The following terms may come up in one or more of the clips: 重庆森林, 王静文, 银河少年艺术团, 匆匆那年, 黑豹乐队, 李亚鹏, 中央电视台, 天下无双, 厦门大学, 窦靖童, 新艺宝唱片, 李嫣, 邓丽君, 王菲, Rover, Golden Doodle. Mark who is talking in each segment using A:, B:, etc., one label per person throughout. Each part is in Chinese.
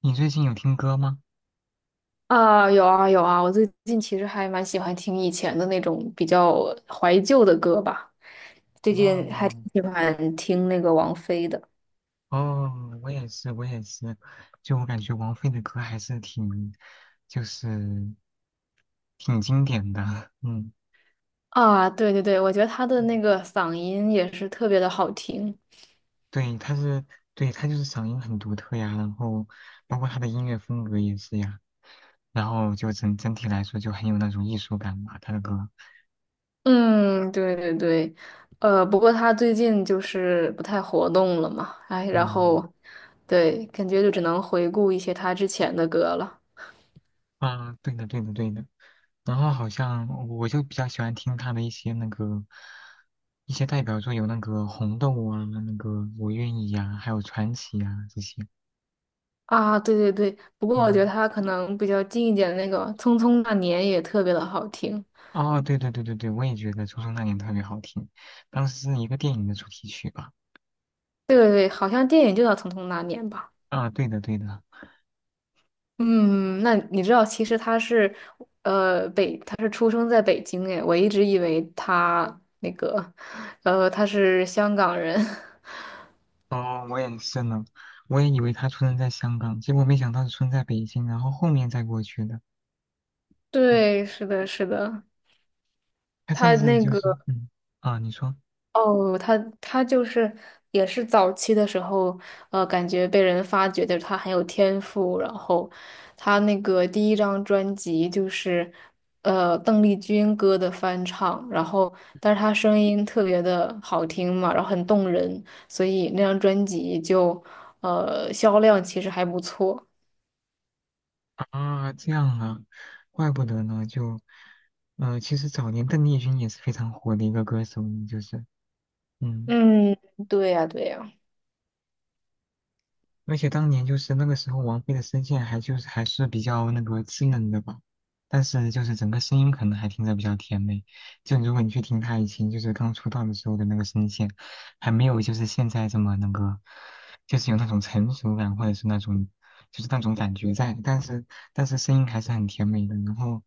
A: 你最近有听歌吗？
B: 啊，有啊有啊，我最近其实还蛮喜欢听以前的那种比较怀旧的歌吧，最近还挺
A: 哦
B: 喜欢听那个王菲的。
A: 哦，我也是，就我感觉王菲的歌还是挺，就是挺经典的。嗯，
B: 啊，对对对，我觉得她的
A: 嗯
B: 那个嗓音也是特别的好听。
A: 对，她是，对，她就是嗓音很独特呀，然后包括她的音乐风格也是呀，然后就整体来说就很有那种艺术感吧，她的歌。
B: 嗯，对对对，不过她最近就是不太活动了嘛，哎，然
A: 嗯，
B: 后对，感觉就只能回顾一些她之前的歌了。
A: 啊，对的，对的，对的。然后好像我就比较喜欢听他的一些那个一些代表作，有那个红豆啊，那个我愿意呀、还有传奇呀、啊这些。
B: 啊，对对对，不过我觉得
A: 嗯，
B: 她可能比较近一点的那个《匆匆那年》也特别的好听。
A: 哦，对，我也觉得《初中那年》特别好听，当时是一个电影的主题曲吧？
B: 对对对，好像电影就叫《匆匆那年》吧？
A: 啊，对的。
B: 嗯，那你知道，其实他是出生在北京诶，我一直以为他那个，他是香港人。
A: 哦，我也是呢，我也以为他出生在香港，结果没想到是出生在北京，然后后面再过去的。嗯
B: 对，是的，是的，
A: 他甚
B: 他
A: 至
B: 那
A: 就是
B: 个。
A: 啊，你说。
B: 哦，他就是也是早期的时候，感觉被人发掘的他很有天赋，然后他那个第一张专辑就是邓丽君歌的翻唱，然后但是他声音特别的好听嘛，然后很动人，所以那张专辑就销量其实还不错。
A: 啊，这样啊，怪不得呢，就，其实早年邓丽君也是非常火的一个歌手呢就是，嗯。
B: 嗯，对呀，对呀。
A: 而且当年就是那个时候，王菲的声线还是比较那个稚嫩的吧，但是就是整个声音可能还听着比较甜美。就如果你去听她以前就是刚出道的时候的那个声线，还没有就是现在这么那个，就是有那种成熟感或者是那种就是那种感觉在，但是声音还是很甜美的。然后，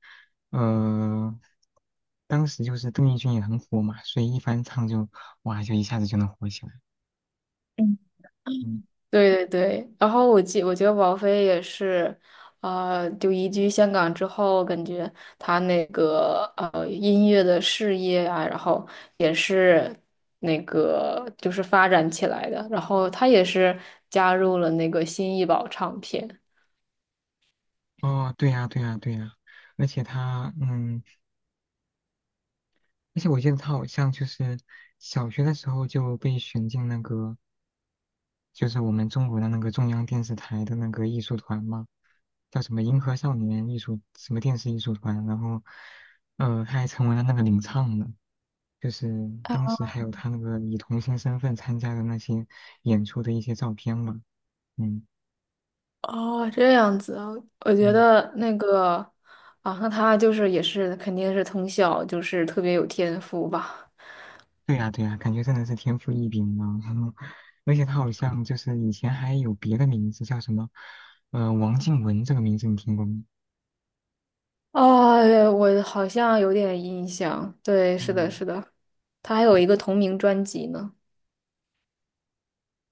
A: 呃，当时就是邓丽君也很火嘛，所以一翻唱就哇就一下子就能火起来。嗯。
B: 对对对，然后我觉得王菲也是，啊，就移居香港之后，感觉她那个音乐的事业啊，然后也是那个就是发展起来的，然后她也是加入了那个新艺宝唱片。
A: 哦，对呀，对呀，对呀，而且他，嗯，而且我记得他好像就是小学的时候就被选进那个，就是我们中国的那个中央电视台的那个艺术团嘛，叫什么银河少年艺术什么电视艺术团，然后，他还成为了那个领唱呢，就是当时还有他那个以童星身份参加的那些演出的一些照片嘛，嗯。
B: 哦，这样子啊，我觉
A: 嗯
B: 得那个啊，那她就是也是肯定是从小就是特别有天赋吧。
A: 对呀，感觉真的是天赋异禀呢。而且他好像就是以前还有别的名字叫什么，王静文这个名字你听过吗？
B: 啊，我好像有点印象，对，是的，
A: 嗯，
B: 是的。他还有一个同名专辑呢。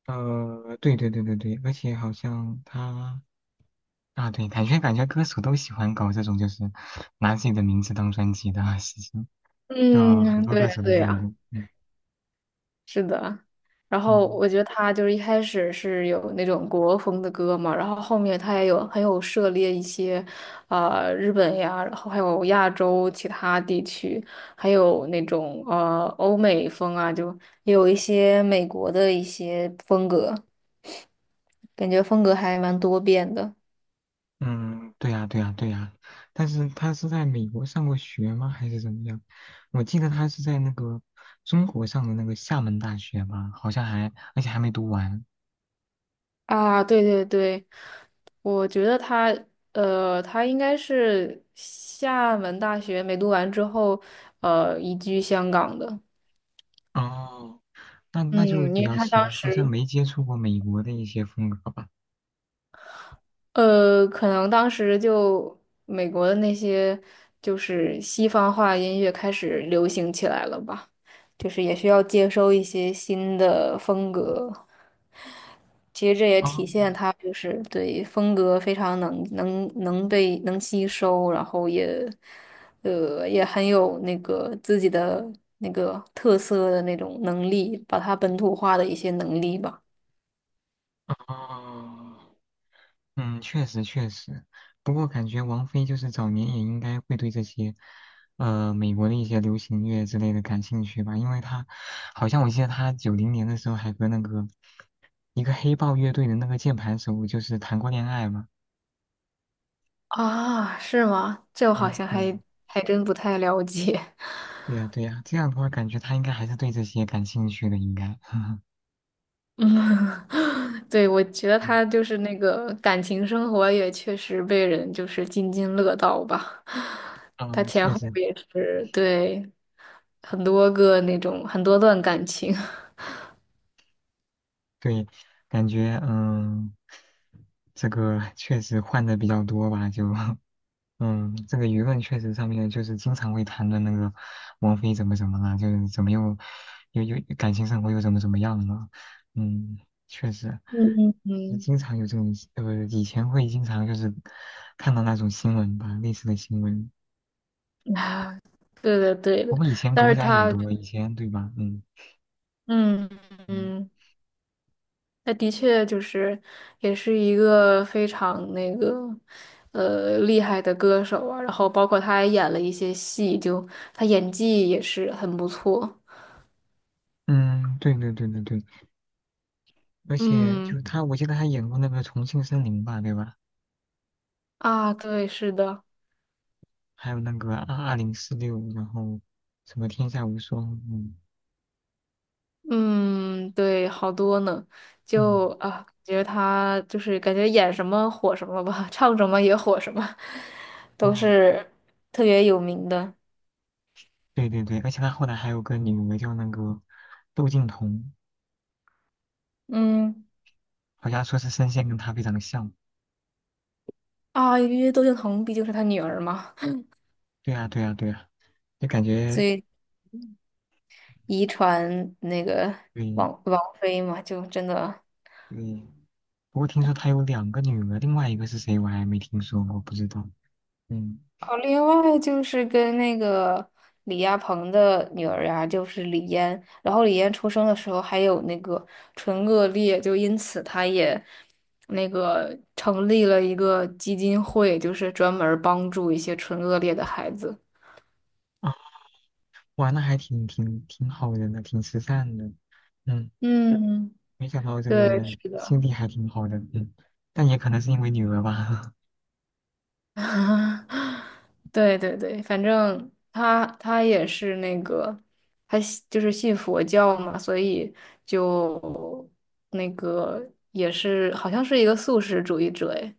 A: 对，而且好像他啊，对，感觉歌手都喜欢搞这种就是拿自己的名字当专辑的啊事情，就很
B: 嗯，
A: 多
B: 对
A: 歌
B: 呀，
A: 手都
B: 对
A: 干
B: 呀，
A: 过。嗯
B: 是的。然后
A: 嗯。
B: 我觉得他就是一开始是有那种国风的歌嘛，然后后面他也有很有涉猎一些，日本呀，然后还有亚洲其他地区，还有那种欧美风啊，就也有一些美国的一些风格，感觉风格还蛮多变的
A: 嗯，对呀，对呀，对呀，但是他是在美国上过学吗？还是怎么样？我记得他是在那个中国上的那个厦门大学吧，好像还，而且还没读完。
B: 啊。对对对，我觉得他应该是厦门大学没读完之后，移居香港的。
A: 哦，那就
B: 嗯，
A: 比
B: 因为
A: 较
B: 他
A: 奇
B: 当
A: 怪，好像
B: 时，
A: 没接触过美国的一些风格吧。
B: 可能当时就美国的那些就是西方化音乐开始流行起来了吧，就是也需要接收一些新的风格。其实这也
A: 哦，
B: 体现他就是对风格非常能吸收，然后也也很有那个自己的那个特色的那种能力，把它本土化的一些能力吧。
A: 哦，嗯，确实，不过感觉王菲就是早年也应该会对这些，美国的一些流行乐之类的感兴趣吧，因为她好像我记得她90年的时候还和那个一个黑豹乐队的那个键盘手就是谈过恋爱嘛。
B: 啊，是吗？这我好
A: 嗯，
B: 像
A: 对呀，
B: 还真不太了解。
A: 对呀，对呀，这样的话感觉她应该还是对这些感兴趣的，应该。
B: 嗯，对，我觉得
A: 嗯，
B: 他就是那个感情生活也确实被人就是津津乐道吧。他
A: 呃
B: 前
A: 确
B: 后
A: 实，
B: 也是，对，很多个那种很多段感情。
A: 对，感觉嗯，这个确实换的比较多吧，就。嗯，这个舆论确实上面就是经常会谈的那个王菲怎么怎么了，就是怎么又感情生活又怎么怎么样了。嗯，确实，
B: 嗯
A: 就
B: 嗯，
A: 经常有这种以前会经常就是看到那种新闻吧，类似的新闻。
B: 嗯啊，对的对
A: 不
B: 的，
A: 过以前
B: 但
A: 狗
B: 是
A: 仔也
B: 他，
A: 多，以前对吧？嗯
B: 嗯
A: 嗯
B: 嗯，他的确就是也是一个非常那个厉害的歌手啊，然后包括他还演了一些戏，就他演技也是很不错。
A: 嗯，对，而且
B: 嗯
A: 就他，我记得他演过那个《重庆森林》吧，对吧？
B: 啊，对，是的。
A: 还有那个2046，然后什么《天下无双》，嗯
B: 嗯，对，好多呢，
A: 嗯。
B: 就啊，感觉得他就是感觉演什么火什么吧，唱什么也火什么，都
A: 哦，
B: 是特别有名的。
A: 对，而且他后来还有个女儿叫那个窦靖童，
B: 嗯，
A: 好像说是声线跟他非常像。
B: 啊，因为窦靖童毕竟是他女儿嘛，
A: 对啊，就感
B: 所
A: 觉
B: 以遗传那个
A: 对
B: 王菲嘛，就真的。
A: 对。不过听说他有两个女儿，另外一个是谁我还没听说过，不知道。嗯
B: 哦，另外就是跟那个李亚鹏的女儿呀、就是李嫣，然后李嫣出生的时候还有那个唇腭裂，就因此她也那个成立了一个基金会，就是专门儿帮助一些唇腭裂的孩子。
A: 啊，哇，那还挺好人的呢，挺慈善的。嗯，
B: 嗯，
A: 没想到这
B: 对，
A: 个
B: 是的。
A: 心地还挺好的。嗯，但也可能是因为女儿吧。
B: 对对对，反正他也是那个，他信就是信佛教嘛，所以就那个也是好像是一个素食主义者诶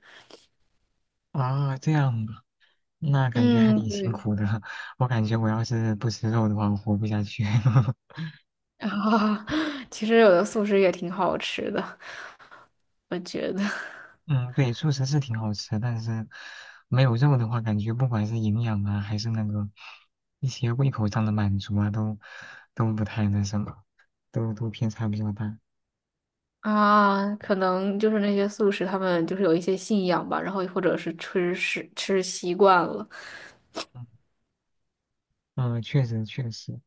A: 啊，这样吧，那感觉还
B: 嗯，
A: 挺辛
B: 对。
A: 苦的。我感觉我要是不吃肉的话，我活不下去。
B: 啊，其实有的素食也挺好吃的，我觉得。
A: 嗯，对，素食是挺好吃，但是没有肉的话，感觉不管是营养啊，还是那个一些胃口上的满足啊，都不太那什么，都偏差比较大。
B: 啊，可能就是那些素食，他们就是有一些信仰吧，然后或者是吃习惯了。
A: 嗯，呃确实，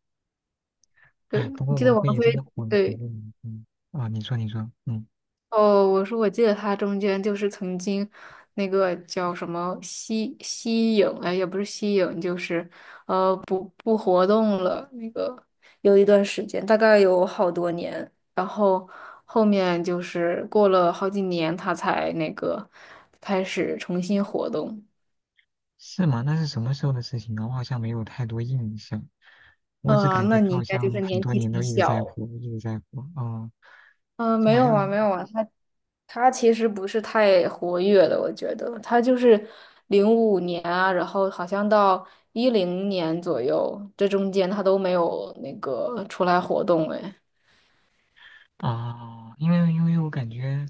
B: 对，
A: 哎，不
B: 我
A: 过
B: 记得
A: 王菲
B: 王
A: 也真的
B: 菲，
A: 火了好
B: 对，
A: 多年。嗯，啊，你说，嗯，
B: 哦，我说我记得他中间就是曾经那个叫什么吸影，哎，也不是吸影，就是不活动了，那个有一段时间，大概有好多年，然后后面就是过了好几年，他才那个开始重新活动。
A: 是吗？那是什么时候的事情呢？我好像没有太多印象，我只感
B: 嗯，
A: 觉
B: 那你
A: 她
B: 应
A: 好
B: 该就
A: 像
B: 是
A: 很
B: 年
A: 多
B: 纪
A: 年都
B: 挺
A: 一直在
B: 小。
A: 火，一直在火。哦，
B: 嗯、
A: 就
B: 没
A: 好
B: 有
A: 像
B: 啊，没有啊，他。他其实不是太活跃的，我觉得他就是2005年啊，然后好像到2010年左右，这中间他都没有那个出来活动哎。
A: 啊，因为我感觉。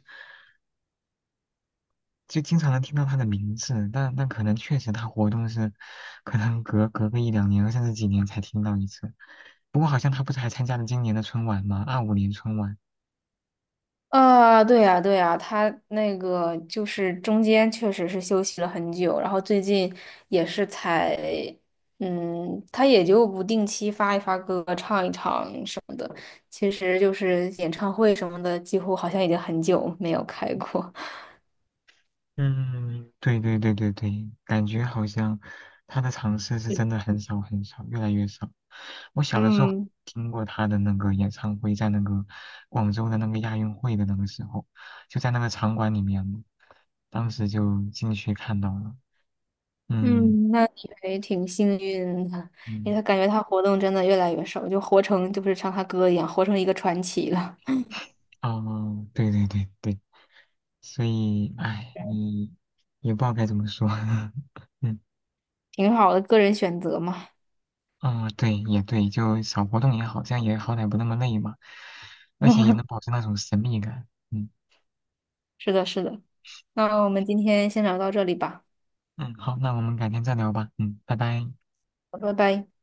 A: 就经常能听到他的名字，但但可能确实他活动是，可能隔个1两年甚至几年才听到一次。不过好像他不是还参加了今年的春晚吗？25年春晚。
B: 啊，对呀，对呀，他那个就是中间确实是休息了很久，然后最近也是才，他也就不定期发一发歌，唱一唱什么的，其实就是演唱会什么的，几乎好像已经很久没有开过。
A: 嗯，对，感觉好像他的尝试是真的很少很少，越来越少。我小的时候
B: 嗯，
A: 听过他的那个演唱会，在那个广州的那个亚运会的那个时候，就在那个场馆里面，当时就进去看到了。嗯
B: 嗯，那你还挺幸运的，因为
A: 嗯。
B: 他感觉他活动真的越来越少，就活成就是像他哥一样，活成一个传奇了，
A: 哦，对，所以，哎，你也不知道该怎么说，嗯，
B: 挺好的，个人选择嘛。
A: 哦对，也对，就少活动也好，这样也好歹不那么累嘛，而且也能 保持那种神秘感，嗯
B: 是的，是的。那我们今天先聊到这里吧，
A: 嗯，好，那我们改天再聊吧，嗯，拜拜。
B: 好拜拜。